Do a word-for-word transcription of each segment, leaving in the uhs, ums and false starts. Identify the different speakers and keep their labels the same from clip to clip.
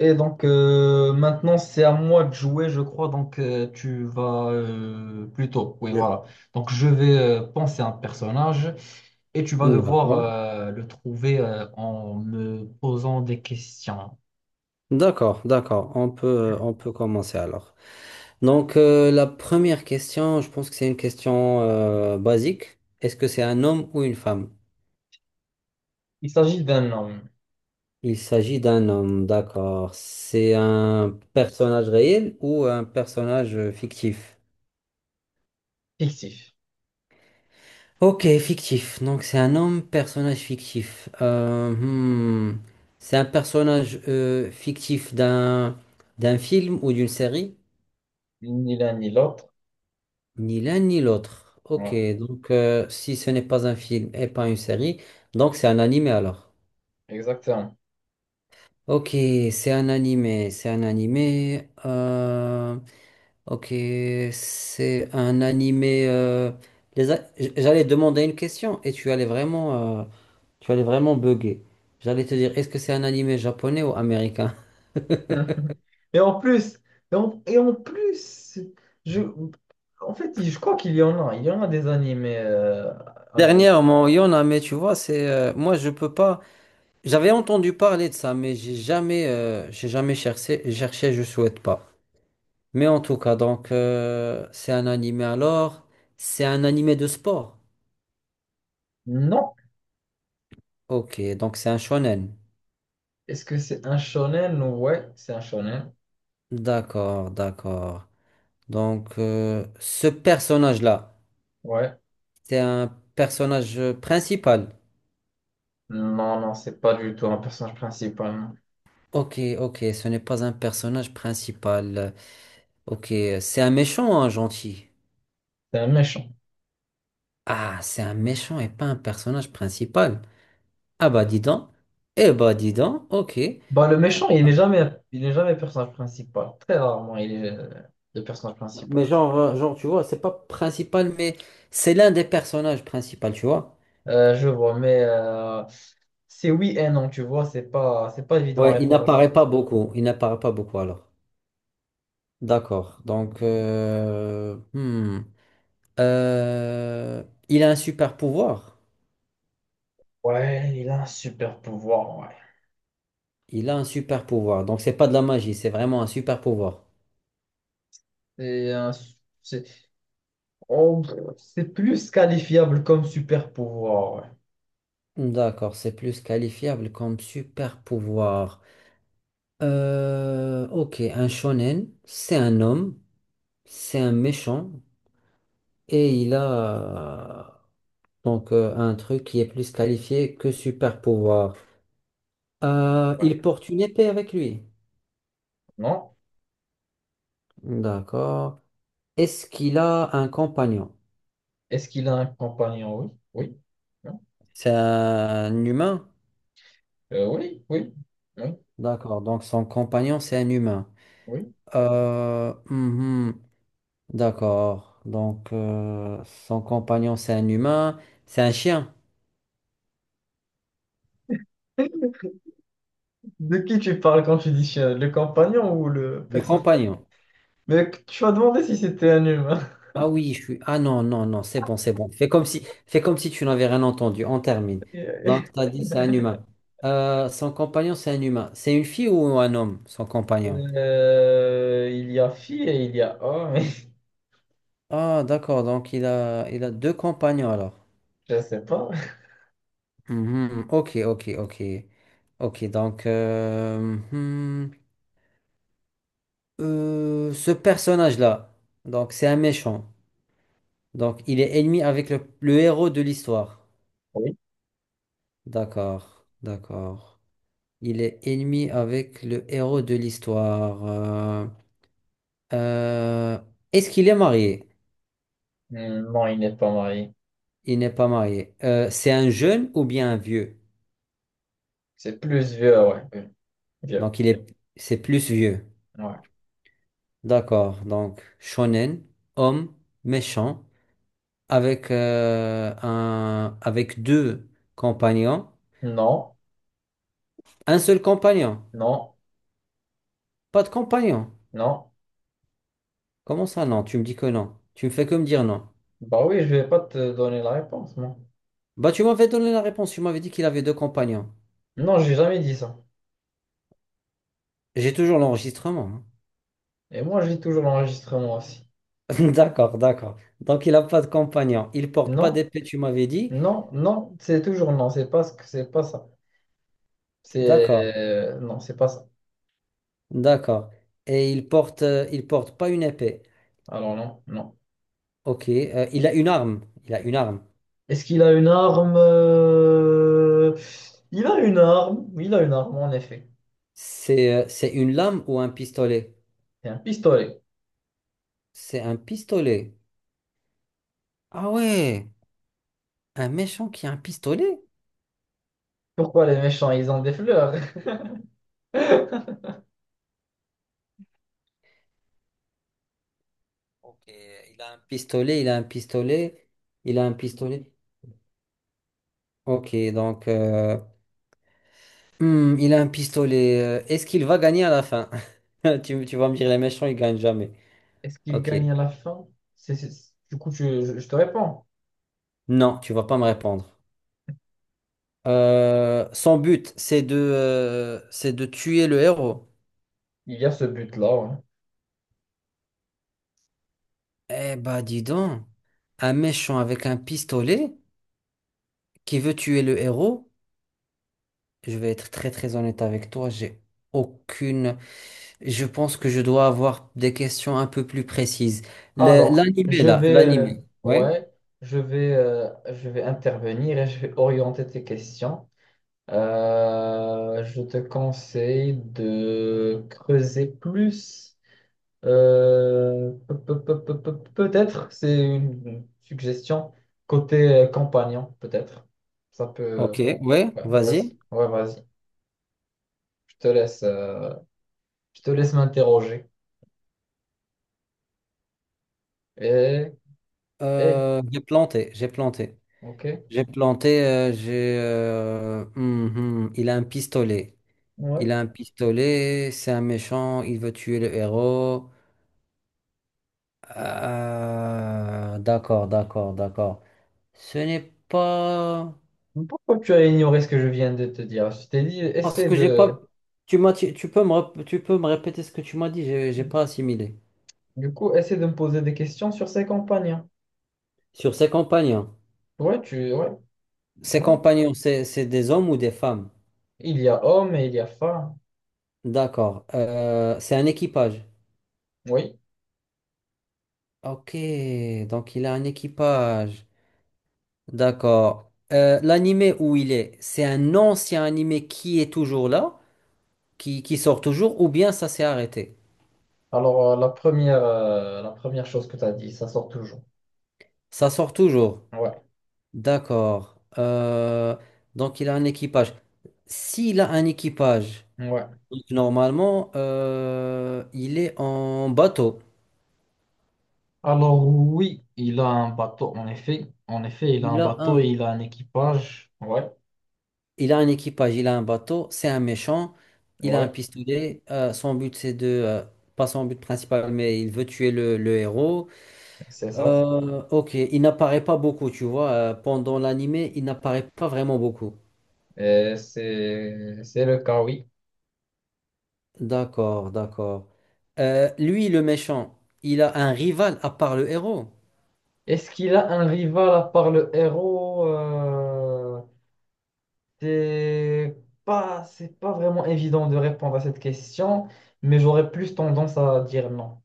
Speaker 1: Et donc euh, maintenant c'est à moi de jouer, je crois. Donc euh, tu vas euh, plutôt. Oui,
Speaker 2: Je-
Speaker 1: voilà. Donc je vais euh, penser à un personnage et tu vas devoir
Speaker 2: D'accord.
Speaker 1: euh, le trouver euh, en me posant des questions.
Speaker 2: D'accord, d'accord. On peut, on peut commencer alors. Donc, euh, la première question, je pense que c'est une question euh, basique. Est-ce que c'est un homme ou une femme?
Speaker 1: Il s'agit d'un homme
Speaker 2: Il s'agit d'un homme, d'accord. C'est un personnage réel ou un personnage euh, fictif?
Speaker 1: fictif,
Speaker 2: Ok, fictif. Donc, c'est un homme, personnage fictif. Euh, hmm. C'est un personnage euh, fictif d'un d'un film ou d'une série?
Speaker 1: ni l'un ni l'autre.
Speaker 2: Ni l'un ni l'autre. Ok,
Speaker 1: Ouais,
Speaker 2: donc euh, si ce n'est pas un film et pas une série, donc c'est un animé alors.
Speaker 1: exactement.
Speaker 2: Ok, c'est un animé, c'est un animé. euh, ok, c'est un animé. euh, les a- j- J'allais demander une question et tu allais vraiment, euh, tu allais vraiment bugger. J'allais te dire, est-ce que c'est un animé japonais ou américain?
Speaker 1: Et en plus, et en, et en plus, je, en fait, je crois qu'il y en a. Il y en a des animés euh, américains.
Speaker 2: Dernièrement, il y en a, mais tu vois, c'est euh, moi je peux pas. J'avais entendu parler de ça, mais j'ai jamais, euh, j'ai jamais cherché, cherché, je souhaite pas. Mais en tout cas, donc, euh, c'est un animé alors, c'est un animé de sport.
Speaker 1: Non.
Speaker 2: Ok, donc c'est un shonen.
Speaker 1: Est-ce que c'est un shonen? Ouais, c'est un shonen.
Speaker 2: D'accord, d'accord. Donc, euh, ce personnage-là,
Speaker 1: Ouais.
Speaker 2: c'est un personnage euh, principal.
Speaker 1: Non, non, c'est pas du tout un personnage principal. Non.
Speaker 2: Ok, ok, ce n'est pas un personnage principal. Ok, c'est un méchant, ou un gentil.
Speaker 1: C'est un méchant.
Speaker 2: Ah, c'est un méchant et pas un personnage principal. Ah bah dis donc. Eh bah dis donc, ok.
Speaker 1: Bah, le méchant, il n'est jamais, il n'est jamais personnage principal. Très rarement, il est euh, le personnage principal.
Speaker 2: Mais genre, euh, genre tu vois, c'est pas principal, mais c'est l'un des personnages principaux, tu vois.
Speaker 1: Euh, je vois, mais euh, c'est oui et non, tu vois, c'est pas, c'est pas évident à
Speaker 2: Ouais, il
Speaker 1: répondre à cette
Speaker 2: n'apparaît
Speaker 1: question.
Speaker 2: pas beaucoup. Il n'apparaît pas beaucoup alors. D'accord. Donc, euh, hmm. Euh, il a un super pouvoir.
Speaker 1: Ouais, il a un super pouvoir, ouais.
Speaker 2: Il a un super pouvoir. Donc c'est pas de la magie, c'est vraiment un super pouvoir.
Speaker 1: C'est un su- c'est Oh, pff, c'est plus qualifiable comme super pouvoir, ouais.
Speaker 2: D'accord, c'est plus qualifiable comme super pouvoir. Euh, ok, un shonen, c'est un homme, c'est un méchant, et il a euh, donc euh, un truc qui est plus qualifié que super pouvoir. Euh,
Speaker 1: Ouais.
Speaker 2: il porte une épée avec lui.
Speaker 1: Non?
Speaker 2: D'accord. Est-ce qu'il a un compagnon?
Speaker 1: Est-ce qu'il a un compagnon? Oui. Oui.
Speaker 2: C'est un humain?
Speaker 1: Euh, oui, oui, oui,
Speaker 2: D'accord. Donc son compagnon, c'est un humain.
Speaker 1: oui.
Speaker 2: Euh, mhm. D'accord. Donc euh, son compagnon, c'est un humain. C'est un chien
Speaker 1: De qui tu parles quand tu dis chien? Le compagnon ou le
Speaker 2: du
Speaker 1: personne?
Speaker 2: compagnon.
Speaker 1: Mais tu m'as demandé si c'était un humain.
Speaker 2: Ah oui, je suis. Ah non, non, non, c'est bon, c'est bon. Fais comme si, fais comme si tu n'avais rien entendu. On termine. Donc, tu as dit c'est un humain. Euh, son compagnon, c'est un humain. C'est une fille ou un homme, son compagnon?
Speaker 1: Euh, il y a fille et il y a homme.
Speaker 2: Ah, d'accord. Donc, il a, il a deux compagnons alors.
Speaker 1: Je sais pas.
Speaker 2: Mhm. Ok, ok, ok. Ok, donc, euh, hmm, euh, ce personnage-là, donc, c'est un méchant. Donc, il est ennemi avec le, le héros de l'histoire.
Speaker 1: Oui.
Speaker 2: D'accord, d'accord. Il est ennemi avec le héros de l'histoire. Euh, euh, est-ce qu'il est marié?
Speaker 1: Hmm, non, il n'est pas marié.
Speaker 2: Il n'est pas marié. Euh, c'est un jeune ou bien un vieux?
Speaker 1: C'est plus vieux, ouais. Oui, vieux.
Speaker 2: Donc il est, c'est plus vieux.
Speaker 1: Ouais.
Speaker 2: D'accord. Donc shonen, homme méchant, avec euh, un, avec deux compagnons,
Speaker 1: Non,
Speaker 2: un seul compagnon,
Speaker 1: non,
Speaker 2: pas de compagnon.
Speaker 1: non.
Speaker 2: Comment ça non? Tu me dis que non. Tu me fais que me dire non.
Speaker 1: Bah oui, je vais pas te donner la réponse, moi.
Speaker 2: Bah tu m'avais donné la réponse. Tu m'avais dit qu'il avait deux compagnons.
Speaker 1: Non, j'ai jamais dit ça.
Speaker 2: J'ai toujours l'enregistrement, hein.
Speaker 1: Et moi, j'ai toujours l'enregistrement aussi.
Speaker 2: D'accord, d'accord. Donc, il n'a pas de compagnon. Il porte pas
Speaker 1: Non,
Speaker 2: d'épée, tu m'avais dit.
Speaker 1: non, non, c'est toujours non. C'est pas ce que c'est pas ça.
Speaker 2: D'accord,
Speaker 1: C'est... Non, c'est pas ça.
Speaker 2: d'accord. Et il porte, euh, il porte pas une épée.
Speaker 1: Alors non, non.
Speaker 2: Ok. euh, il a une arme. Il a une arme.
Speaker 1: Est-ce qu'il a une arme? euh, Il a une arme. Oui, il a une arme, en effet.
Speaker 2: C'est, euh, c'est une lame ou un pistolet?
Speaker 1: C'est un pistolet.
Speaker 2: C'est un pistolet. Ah ouais, un méchant qui a un pistolet?
Speaker 1: Pourquoi les méchants, ils ont des fleurs?
Speaker 2: Ok, il a un pistolet, il a un pistolet, il a un pistolet. Ok, donc, euh, hmm, il a un pistolet. euh, Est-ce qu'il va gagner à la fin? Tu, tu vas me dire, les méchants, ils gagnent jamais.
Speaker 1: Est-ce qu'il
Speaker 2: Ok.
Speaker 1: gagne à la fin? C'est, c'est- Du coup, tu- je, je te réponds.
Speaker 2: Non, tu vas pas me répondre. Euh, son but, c'est de, euh, c'est de tuer le héros.
Speaker 1: Il y a ce but-là, ouais.
Speaker 2: Eh bah dis donc, un méchant avec un pistolet qui veut tuer le héros, je vais être très très honnête avec toi, j'ai aucune... Je pense que je dois avoir des questions un peu plus précises. Le-
Speaker 1: Alors,
Speaker 2: L'animé
Speaker 1: je
Speaker 2: là,
Speaker 1: vais... euh,
Speaker 2: l'animé. Ouais,
Speaker 1: ouais, je vais, euh, je vais intervenir et je vais orienter tes questions. Euh, je te conseille de creuser plus. Euh, pe- pe- pe- pe- pe- peut-être, c'est une suggestion côté euh, compagnon, peut-être. Ça peut.
Speaker 2: ok, ouais,
Speaker 1: Ouais, vas-y.
Speaker 2: vas-y.
Speaker 1: Ouais, vas-y. Je te laisse, euh, je te laisse m'interroger. et et
Speaker 2: Euh, j'ai planté, j'ai planté.
Speaker 1: ok.
Speaker 2: J'ai planté, euh, j'ai... euh, hum, hum, il a un pistolet. Il
Speaker 1: Ouais.
Speaker 2: a un pistolet, c'est un méchant, il veut tuer le héros. Ah, d'accord, d'accord, d'accord. Ce n'est pas...
Speaker 1: Pourquoi tu as ignoré ce que je viens de te dire? Je t'ai dit,
Speaker 2: Parce
Speaker 1: essaie
Speaker 2: que j'ai
Speaker 1: de.
Speaker 2: pas... Tu m'as... Tu tu peux me... rep- Tu peux me répéter ce que tu m'as dit, j'ai j'ai pas assimilé.
Speaker 1: Du coup, essaie de me poser des questions sur ses compagnons.
Speaker 2: Sur ses compagnons.
Speaker 1: Ouais, tu. Ouais,
Speaker 2: Ses
Speaker 1: ouais.
Speaker 2: compagnons, c'est c'est des hommes ou des femmes?
Speaker 1: Il y a homme et il y a femme.
Speaker 2: D'accord. Euh, c'est un équipage.
Speaker 1: Oui.
Speaker 2: Ok, donc il a un équipage. D'accord. Euh, l'animé où il est, c'est un ancien animé qui est toujours là? Qui, qui sort toujours ou bien ça s'est arrêté?
Speaker 1: Alors, euh, la première, euh, la première chose que tu as dit, ça sort toujours.
Speaker 2: Ça sort toujours.
Speaker 1: Ouais.
Speaker 2: D'accord. Euh, donc il a un équipage. S'il a un équipage,
Speaker 1: Ouais.
Speaker 2: donc normalement, euh, il est en bateau.
Speaker 1: Alors oui, il a un bateau, en effet. En effet, il a
Speaker 2: Il
Speaker 1: un
Speaker 2: a
Speaker 1: bateau
Speaker 2: un,
Speaker 1: et il a un équipage. Ouais,
Speaker 2: il a un équipage, il a un bateau, c'est un méchant, il a un
Speaker 1: ouais,
Speaker 2: pistolet. euh, son but, c'est de... euh, pas son but principal, mais il veut tuer le, le héros.
Speaker 1: c'est ça.
Speaker 2: Euh, ok, il n'apparaît pas beaucoup, tu vois. euh, pendant l'animé, il n'apparaît pas vraiment beaucoup.
Speaker 1: Euh, c'est, c'est le cas, oui.
Speaker 2: D'accord, d'accord. Euh, lui, le méchant, il a un rival à part le héros.
Speaker 1: Est-ce qu'il a un rival à part le héros? Euh, c'est pas, c'est pas vraiment évident de répondre à cette question, mais j'aurais plus tendance à dire non.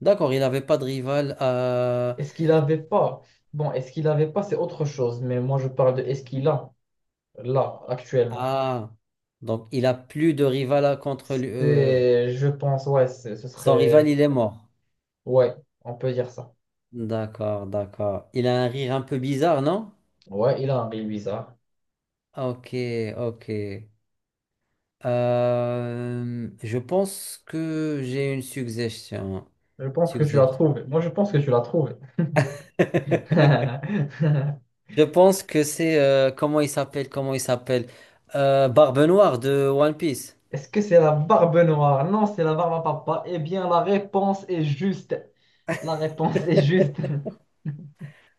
Speaker 2: D'accord, il n'avait pas de rival à...
Speaker 1: Est-ce qu'il avait pas? Bon, est-ce qu'il avait pas, c'est autre chose, mais moi je parle de est-ce qu'il a là, actuellement.
Speaker 2: Ah, donc il a plus de rival à- contre lui. euh,
Speaker 1: C'est, je pense, ouais, c'est- ce
Speaker 2: Son rival,
Speaker 1: serait.
Speaker 2: il est mort.
Speaker 1: Ouais, on peut dire ça.
Speaker 2: D'accord, d'accord. Il a un rire un peu bizarre, non?
Speaker 1: Ouais, il a un rire bizarre.
Speaker 2: Ok, ok. Euh, je pense que j'ai une suggestion.
Speaker 1: Je pense que tu l'as
Speaker 2: Suggestion.
Speaker 1: trouvé. Moi, je pense que tu l'as trouvé.
Speaker 2: Je pense que c'est... euh, comment il s'appelle? Comment il s'appelle? Euh, Barbe Noire de One Piece.
Speaker 1: Est-ce que c'est la Barbe Noire? Non, c'est la Barbe à Papa. Eh bien, la réponse est juste. La réponse est juste.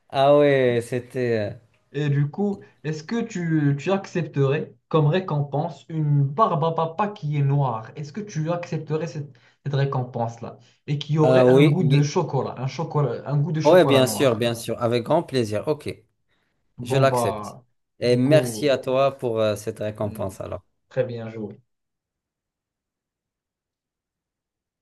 Speaker 2: Ah ouais, c'était... euh,
Speaker 1: Et du coup, est-ce que tu, tu accepterais comme récompense une barbe à papa qui est noire? Est-ce que tu accepterais cette, cette récompense-là? Et qui aurait un
Speaker 2: oui,
Speaker 1: goût de
Speaker 2: oui.
Speaker 1: chocolat, un chocolat, un goût de
Speaker 2: Oui, ouais,
Speaker 1: chocolat
Speaker 2: bien sûr,
Speaker 1: noir.
Speaker 2: bien sûr. Avec grand plaisir. Ok, je
Speaker 1: Bon,
Speaker 2: l'accepte.
Speaker 1: bah,
Speaker 2: Et
Speaker 1: du
Speaker 2: merci
Speaker 1: coup,
Speaker 2: à toi pour euh, cette
Speaker 1: hmm,
Speaker 2: récompense alors.
Speaker 1: très bien joué.